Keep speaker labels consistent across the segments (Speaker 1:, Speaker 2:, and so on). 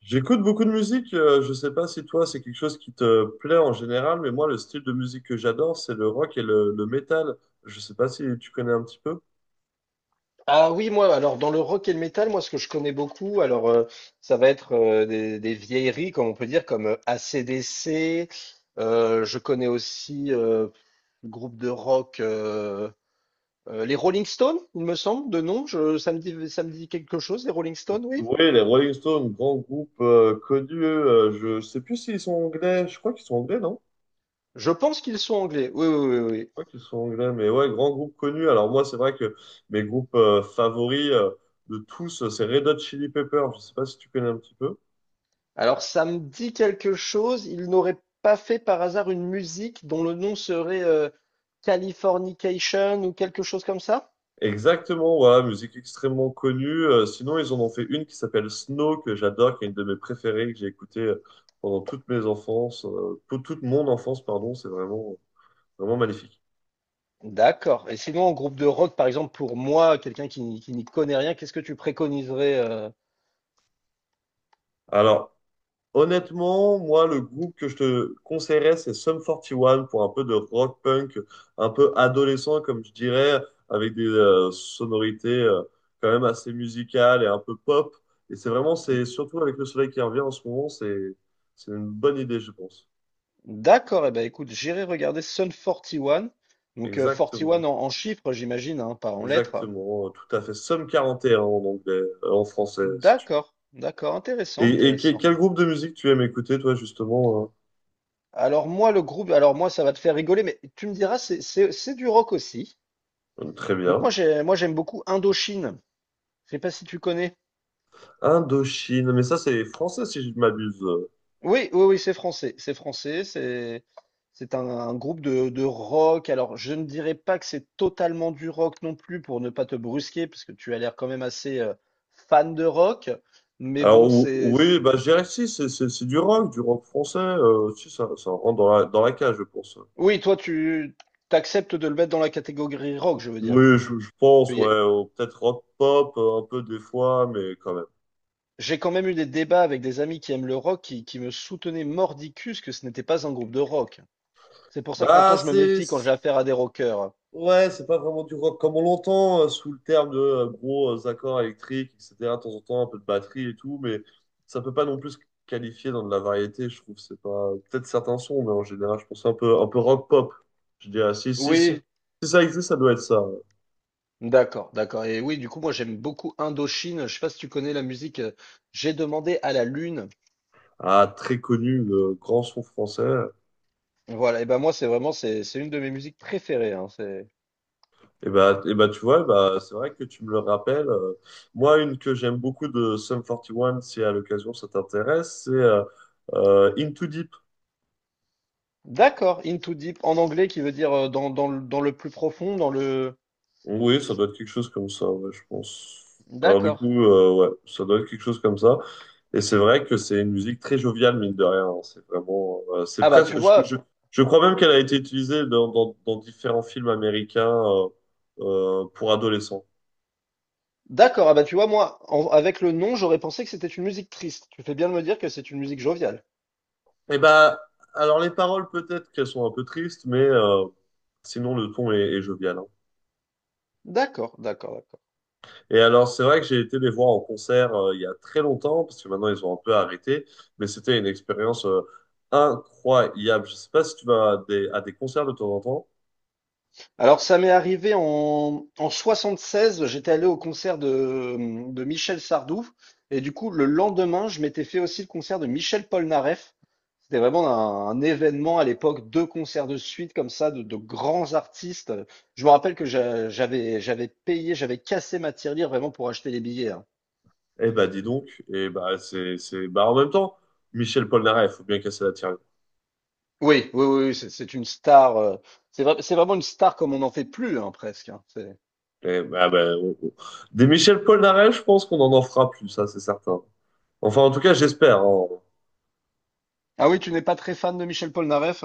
Speaker 1: J'écoute beaucoup de musique, je sais pas si toi c'est quelque chose qui te plaît en général, mais moi le style de musique que j'adore c'est le rock et le métal. Je sais pas si tu connais un petit peu.
Speaker 2: Ah oui, moi, alors dans le rock et le métal, moi ce que je connais beaucoup, alors ça va être des vieilleries, comme on peut dire, comme AC/DC. Je connais aussi le groupe de rock, les Rolling Stones, il me semble, de nom. Ça me dit quelque chose, les Rolling Stones, oui.
Speaker 1: Oui, les Rolling Stones, grand groupe connu, je sais plus s'ils sont anglais, je crois qu'ils sont anglais, non?
Speaker 2: Je pense qu'ils sont anglais. Oui, oui, oui,
Speaker 1: Je
Speaker 2: oui.
Speaker 1: crois qu'ils sont anglais, mais ouais, grand groupe connu. Alors moi c'est vrai que mes groupes favoris de tous c'est Red Hot Chili Peppers, je sais pas si tu connais un petit peu.
Speaker 2: Alors ça me dit quelque chose. Ils n'auraient pas fait par hasard une musique dont le nom serait Californication ou quelque chose comme ça?
Speaker 1: Exactement, voilà, musique extrêmement connue. Sinon, ils en ont fait une qui s'appelle Snow, que j'adore, qui est une de mes préférées, que j'ai écoutée pendant toute mes enfances, pour toute mon enfance, pardon, c'est vraiment, vraiment magnifique.
Speaker 2: D'accord. Et sinon, en groupe de rock, par exemple, pour moi, quelqu'un qui n'y connaît rien, qu'est-ce que tu préconiserais
Speaker 1: Alors, honnêtement, moi, le groupe que je te conseillerais, c'est Sum One pour un peu de rock punk, un peu adolescent, comme je dirais, avec des sonorités quand même assez musicales et un peu pop. Et c'est vraiment, c'est surtout avec le soleil qui revient en ce moment, c'est une bonne idée, je pense.
Speaker 2: D'accord. Eh ben, écoute, j'irai regarder Sun 41. Donc, 41
Speaker 1: Exactement,
Speaker 2: en, en chiffres, j'imagine, hein, pas en lettres.
Speaker 1: exactement, tout à fait. Somme 41 en anglais, en français, si tu veux.
Speaker 2: D'accord. D'accord. Intéressant,
Speaker 1: Et
Speaker 2: intéressant.
Speaker 1: quel groupe de musique tu aimes écouter, toi, justement?
Speaker 2: Alors, moi, le groupe, alors moi, ça va te faire rigoler, mais tu me diras, c'est du rock aussi.
Speaker 1: Très
Speaker 2: Donc,
Speaker 1: bien.
Speaker 2: moi, j'aime beaucoup Indochine. Je sais pas si tu connais.
Speaker 1: Indochine, mais ça, c'est français, si je ne m'abuse.
Speaker 2: Oui, oui, oui, c'est français. C'est français. C'est un groupe de rock. Alors, je ne dirais pas que c'est totalement du rock non plus pour ne pas te brusquer, parce que tu as l'air quand même assez fan de rock. Mais
Speaker 1: Alors,
Speaker 2: bon, c'est.
Speaker 1: oui,
Speaker 2: c'est-
Speaker 1: bah, je dirais que si, c'est du rock français. Si, ça rentre dans la cage, je pense.
Speaker 2: Oui, toi, tu t'acceptes de le mettre dans la catégorie rock, je veux dire.
Speaker 1: Oui, je pense,
Speaker 2: Il y a.
Speaker 1: ouais, ou peut-être rock pop, un peu des fois, mais quand même.
Speaker 2: J'ai quand même eu des débats avec des amis qui aiment le rock qui me soutenaient mordicus que ce n'était pas un groupe de rock. C'est pour ça que maintenant
Speaker 1: Bah,
Speaker 2: je me
Speaker 1: c'est.
Speaker 2: méfie quand j'ai affaire à des rockers.
Speaker 1: Ouais, c'est pas vraiment du rock comme on l'entend, sous le terme de gros accords électriques, etc. De temps en temps, un peu de batterie et tout, mais ça peut pas non plus se qualifier dans de la variété, je trouve. C'est pas peut-être certains sons, mais en général, je pense un peu rock pop. Je dirais, si,
Speaker 2: Oui.
Speaker 1: si ça existe, ça doit être ça.
Speaker 2: D'accord, d'accord. Et oui, du coup, moi, j'aime beaucoup Indochine. Je sais pas si tu connais la musique. J'ai demandé à la lune.
Speaker 1: Ah, très connu, le grand son français.
Speaker 2: Voilà. Et ben moi, c'est vraiment, c'est une de mes musiques préférées, hein. C'est.
Speaker 1: Et bah, tu vois, bah, c'est vrai que tu me le rappelles. Moi, une que j'aime beaucoup de Sum 41, si à l'occasion ça t'intéresse, c'est Into Deep.
Speaker 2: D'accord. Into deep en anglais, qui veut dire dans, dans le plus profond, dans le.
Speaker 1: Oui, ça doit être quelque chose comme ça, ouais, je pense. Alors du
Speaker 2: D'accord.
Speaker 1: coup, ouais, ça doit être quelque chose comme ça. Et c'est vrai que c'est une musique très joviale, mine de rien. Hein. C'est vraiment, c'est
Speaker 2: Ah bah tu
Speaker 1: presque. Je, je,
Speaker 2: vois.
Speaker 1: je crois même qu'elle a été utilisée dans différents films américains pour adolescents.
Speaker 2: D'accord. Ah bah tu vois, moi, avec le nom, j'aurais pensé que c'était une musique triste. Tu fais bien de me dire que c'est une musique joviale.
Speaker 1: Et bah, alors les paroles peut-être qu'elles sont un peu tristes, mais sinon le ton est jovial. Hein.
Speaker 2: D'accord, d'accord, d'accord.
Speaker 1: Et alors, c'est vrai que j'ai été les voir en concert il y a très longtemps, parce que maintenant ils ont un peu arrêté, mais c'était une expérience incroyable. Je sais pas si tu vas à des concerts de temps en temps.
Speaker 2: Alors, ça m'est arrivé en 76, j'étais allé au concert de Michel Sardou, et du coup, le lendemain, je m'étais fait aussi le concert de Michel Polnareff. C'était vraiment un événement à l'époque, deux concerts de suite comme ça, de grands artistes. Je me rappelle que j'avais payé, j'avais cassé ma tirelire vraiment pour acheter les billets, hein.
Speaker 1: Eh ben, dis donc. Et bah, c'est, bah, en même temps, Michel Polnareff, il faut bien casser la tirelire.
Speaker 2: Oui, oui, oui, oui, c'est une star. C'est vraiment une star comme on n'en fait plus, hein, presque, hein. C'est.
Speaker 1: Eh ben. Des Michel Polnareff, je pense qu'on en fera plus, ça, c'est certain. Enfin, en tout cas, j'espère. Hein.
Speaker 2: Ah oui, tu n'es pas très fan de Michel Polnareff?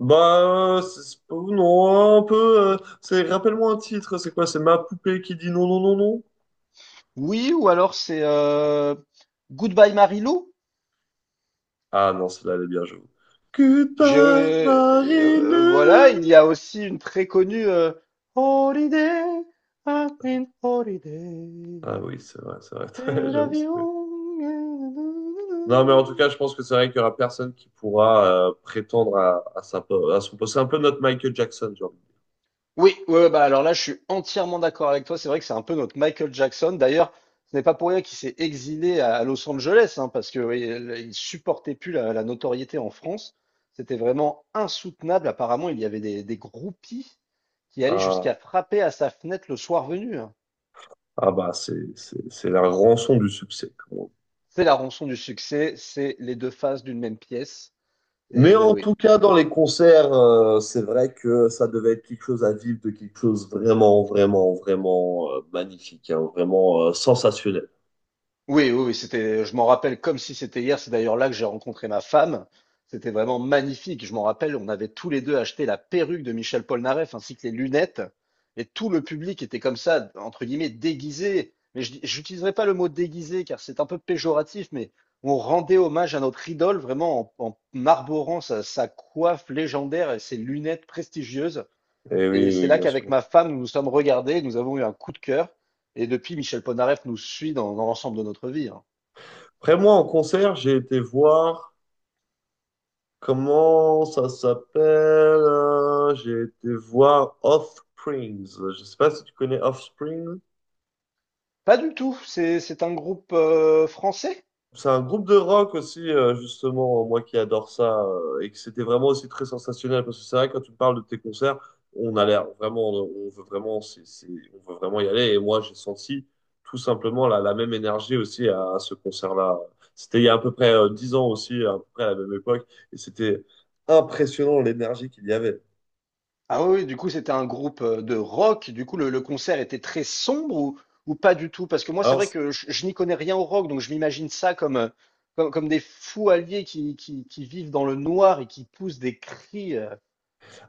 Speaker 1: Bah, non, un peu. Rappelle-moi un titre, c'est quoi? C'est Ma poupée qui dit non, non, non, non?
Speaker 2: Oui, ou alors c'est Goodbye Marilou.
Speaker 1: Ah non, celle-là, elle est bien, j'avoue. Goodbye,
Speaker 2: Voilà, il
Speaker 1: Marie-Lou.
Speaker 2: y a aussi une très connue Holiday, I've been
Speaker 1: Ah
Speaker 2: holiday,
Speaker 1: oui, c'est vrai, c'est vrai.
Speaker 2: c'est
Speaker 1: J'avoue.
Speaker 2: l'avion.
Speaker 1: Non, mais en tout cas, je pense que c'est vrai qu'il y aura personne qui pourra prétendre à son poste. C'est un peu notre Michael Jackson, genre.
Speaker 2: Oui, ouais, ouais, bah alors là, je suis entièrement d'accord avec toi. C'est vrai que c'est un peu notre Michael Jackson. D'ailleurs, ce n'est pas pour rien qu'il s'est exilé à Los Angeles, hein, parce que oui, il supportait plus la, la notoriété en France. C'était vraiment insoutenable. Apparemment, il y avait des groupies qui allaient
Speaker 1: Ah,
Speaker 2: jusqu'à frapper à sa fenêtre le soir venu, hein.
Speaker 1: ah, c'est la rançon du succès, comme on dit.
Speaker 2: C'est la rançon du succès, c'est les deux faces d'une même pièce.
Speaker 1: Mais
Speaker 2: Et oui,
Speaker 1: en
Speaker 2: oui.
Speaker 1: tout cas, dans les concerts, c'est vrai que ça devait être quelque chose à vivre, de quelque chose vraiment, vraiment, vraiment magnifique, hein, vraiment sensationnel.
Speaker 2: Oui, oui, oui, c'était, je m'en rappelle comme si c'était hier. C'est d'ailleurs là que j'ai rencontré ma femme. C'était vraiment magnifique. Je m'en rappelle, on avait tous les deux acheté la perruque de Michel Polnareff ainsi que les lunettes. Et tout le public était comme ça, entre guillemets, déguisé. Mais je n'utiliserai pas le mot déguisé car c'est un peu péjoratif, mais on rendait hommage à notre idole vraiment en arborant sa, sa coiffe légendaire et ses lunettes prestigieuses.
Speaker 1: Et
Speaker 2: Et
Speaker 1: oui,
Speaker 2: c'est
Speaker 1: oui,
Speaker 2: là
Speaker 1: bien
Speaker 2: qu'avec
Speaker 1: sûr.
Speaker 2: ma femme, nous nous sommes regardés, nous avons eu un coup de cœur. Et depuis, Michel Polnareff nous suit dans, dans l'ensemble de notre vie, hein.
Speaker 1: Après, moi, en concert, j'ai été voir, comment ça s'appelle? J'ai été voir Offsprings. Je sais pas si tu connais Offspring.
Speaker 2: Pas du tout, c'est un groupe français.
Speaker 1: C'est un groupe de rock aussi, justement, moi qui adore ça, et que c'était vraiment aussi très sensationnel, parce que c'est vrai, quand tu me parles de tes concerts, on a l'air vraiment, on veut vraiment, on veut vraiment y aller, et moi j'ai senti tout simplement la même énergie aussi à ce concert-là. C'était il y a à peu près 10 ans aussi, à peu près à la même époque, et c'était impressionnant l'énergie qu'il y avait.
Speaker 2: Ah oui, oui, du coup, c'était un groupe de rock. Du coup, le concert était très sombre ou pas du tout? Parce que moi, c'est vrai
Speaker 1: Alors
Speaker 2: que je n'y connais rien au rock, donc je m'imagine ça comme, comme, comme des fous alliés qui vivent dans le noir et qui poussent des cris.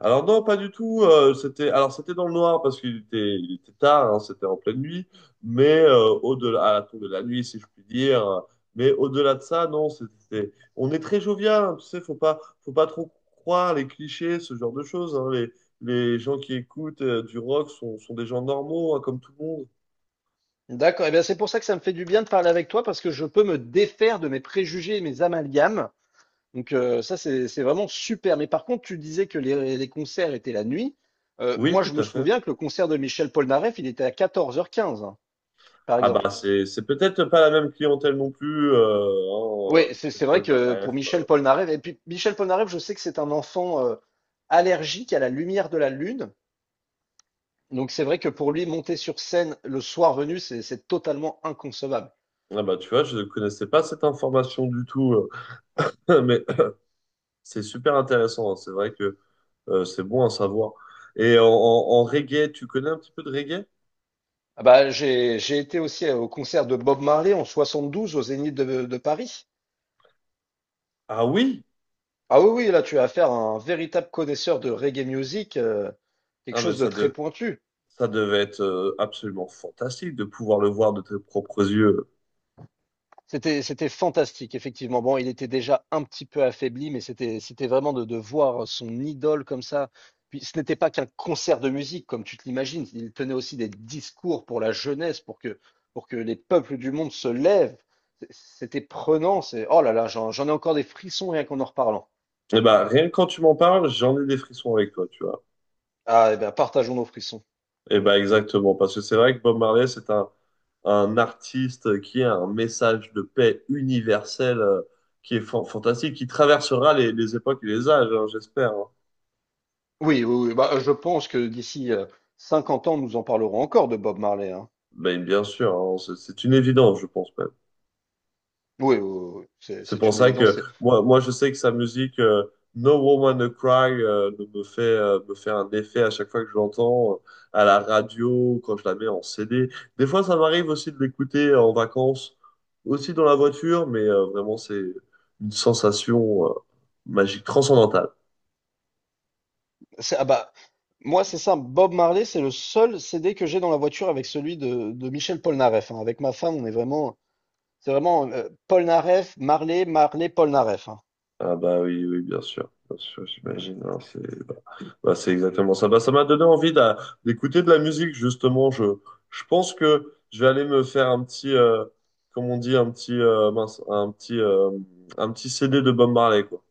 Speaker 1: Alors non, pas du tout. C'était dans le noir parce qu'il était tard, hein, c'était en pleine nuit. Mais au-delà à la tombée de la nuit, si je puis dire. Mais au-delà de ça, non, c'était on est très jovial. Hein, tu sais, faut pas trop croire les clichés, ce genre de choses. Hein. Les gens qui écoutent du rock sont des gens normaux, hein, comme tout le monde.
Speaker 2: D'accord, et bien c'est pour ça que ça me fait du bien de parler avec toi, parce que je peux me défaire de mes préjugés et mes amalgames. Donc ça, c'est vraiment super. Mais par contre, tu disais que les concerts étaient la nuit.
Speaker 1: Oui,
Speaker 2: Moi,
Speaker 1: tout
Speaker 2: je me
Speaker 1: à fait.
Speaker 2: souviens que le concert de Michel Polnareff, il était à 14 h 15, hein, par
Speaker 1: Ah
Speaker 2: exemple.
Speaker 1: bah c'est peut-être pas la même clientèle non plus. Hein,
Speaker 2: Oui, c'est
Speaker 1: Michel
Speaker 2: c'est vrai que pour
Speaker 1: Polnareff,
Speaker 2: Michel
Speaker 1: euh.
Speaker 2: Polnareff, et puis Michel Polnareff, je sais que c'est un enfant allergique à la lumière de la lune. Donc c'est vrai que pour lui, monter sur scène le soir venu, c'est totalement inconcevable.
Speaker 1: Ah bah tu vois, je ne connaissais pas cette information du tout. Mais c'est super intéressant, hein. C'est vrai que c'est bon à savoir. Et en reggae, tu connais un petit peu de reggae?
Speaker 2: Ah bah, j'ai été aussi au concert de Bob Marley en 72 au Zénith de Paris.
Speaker 1: Ah oui?
Speaker 2: Ah oui, oui, là tu as affaire à un véritable connaisseur de reggae music, quelque
Speaker 1: Ah mais
Speaker 2: chose de
Speaker 1: ça,
Speaker 2: très pointu.
Speaker 1: ça devait être absolument fantastique de pouvoir le voir de tes propres yeux.
Speaker 2: C'était, c'était fantastique, effectivement. Bon, il était déjà un petit peu affaibli, mais c'était, c'était vraiment de voir son idole comme ça. Puis ce n'était pas qu'un concert de musique, comme tu te l'imagines. Il tenait aussi des discours pour la jeunesse, pour que les peuples du monde se lèvent. C- C'était prenant. C'est, oh là là, j'en ai encore des frissons rien qu'en en reparlant.
Speaker 1: Et bah rien que quand tu m'en parles, j'en ai des frissons avec toi, tu vois.
Speaker 2: Ah, eh bien, partageons nos frissons.
Speaker 1: Et bah exactement, parce que c'est vrai que Bob Marley, c'est un artiste qui a un message de paix universel qui est fantastique, qui traversera les époques et les âges, hein, j'espère. Hein.
Speaker 2: Oui, oui, oui. Bah, je pense que d'ici 50 ans, nous en parlerons encore de Bob Marley, hein.
Speaker 1: Ben, bien sûr, hein, c'est une évidence, je pense.
Speaker 2: Oui, oui, oui, oui.
Speaker 1: C'est
Speaker 2: C'est
Speaker 1: pour
Speaker 2: une
Speaker 1: ça
Speaker 2: évidence.
Speaker 1: que
Speaker 2: C'est,
Speaker 1: moi, je sais que sa musique No Woman No Cry me fait un effet à chaque fois que je l'entends à la radio, quand je la mets en CD. Des fois, ça m'arrive aussi de l'écouter en vacances, aussi dans la voiture, mais vraiment, c'est une sensation magique, transcendantale.
Speaker 2: ah bah, moi, c'est simple. Bob Marley, c'est le seul CD que j'ai dans la voiture avec celui de Michel Polnareff, hein. Avec ma femme, on est vraiment, c'est vraiment Polnareff, Marley, Marley, Polnareff, hein.
Speaker 1: Ah bah oui, oui, bien sûr, j'imagine. Hein, bah, c'est exactement ça. Bah, ça m'a donné envie d'écouter de la musique, justement. Je pense que je vais aller me faire un petit, comment on dit, mince, un petit CD de Bob Marley, quoi.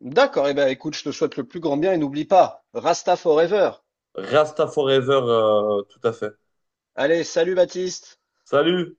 Speaker 2: D'accord. Eh ben, écoute, je te souhaite le plus grand bien et n'oublie pas, Rasta Forever.
Speaker 1: Rasta Forever, tout à fait.
Speaker 2: Allez, salut Baptiste.
Speaker 1: Salut!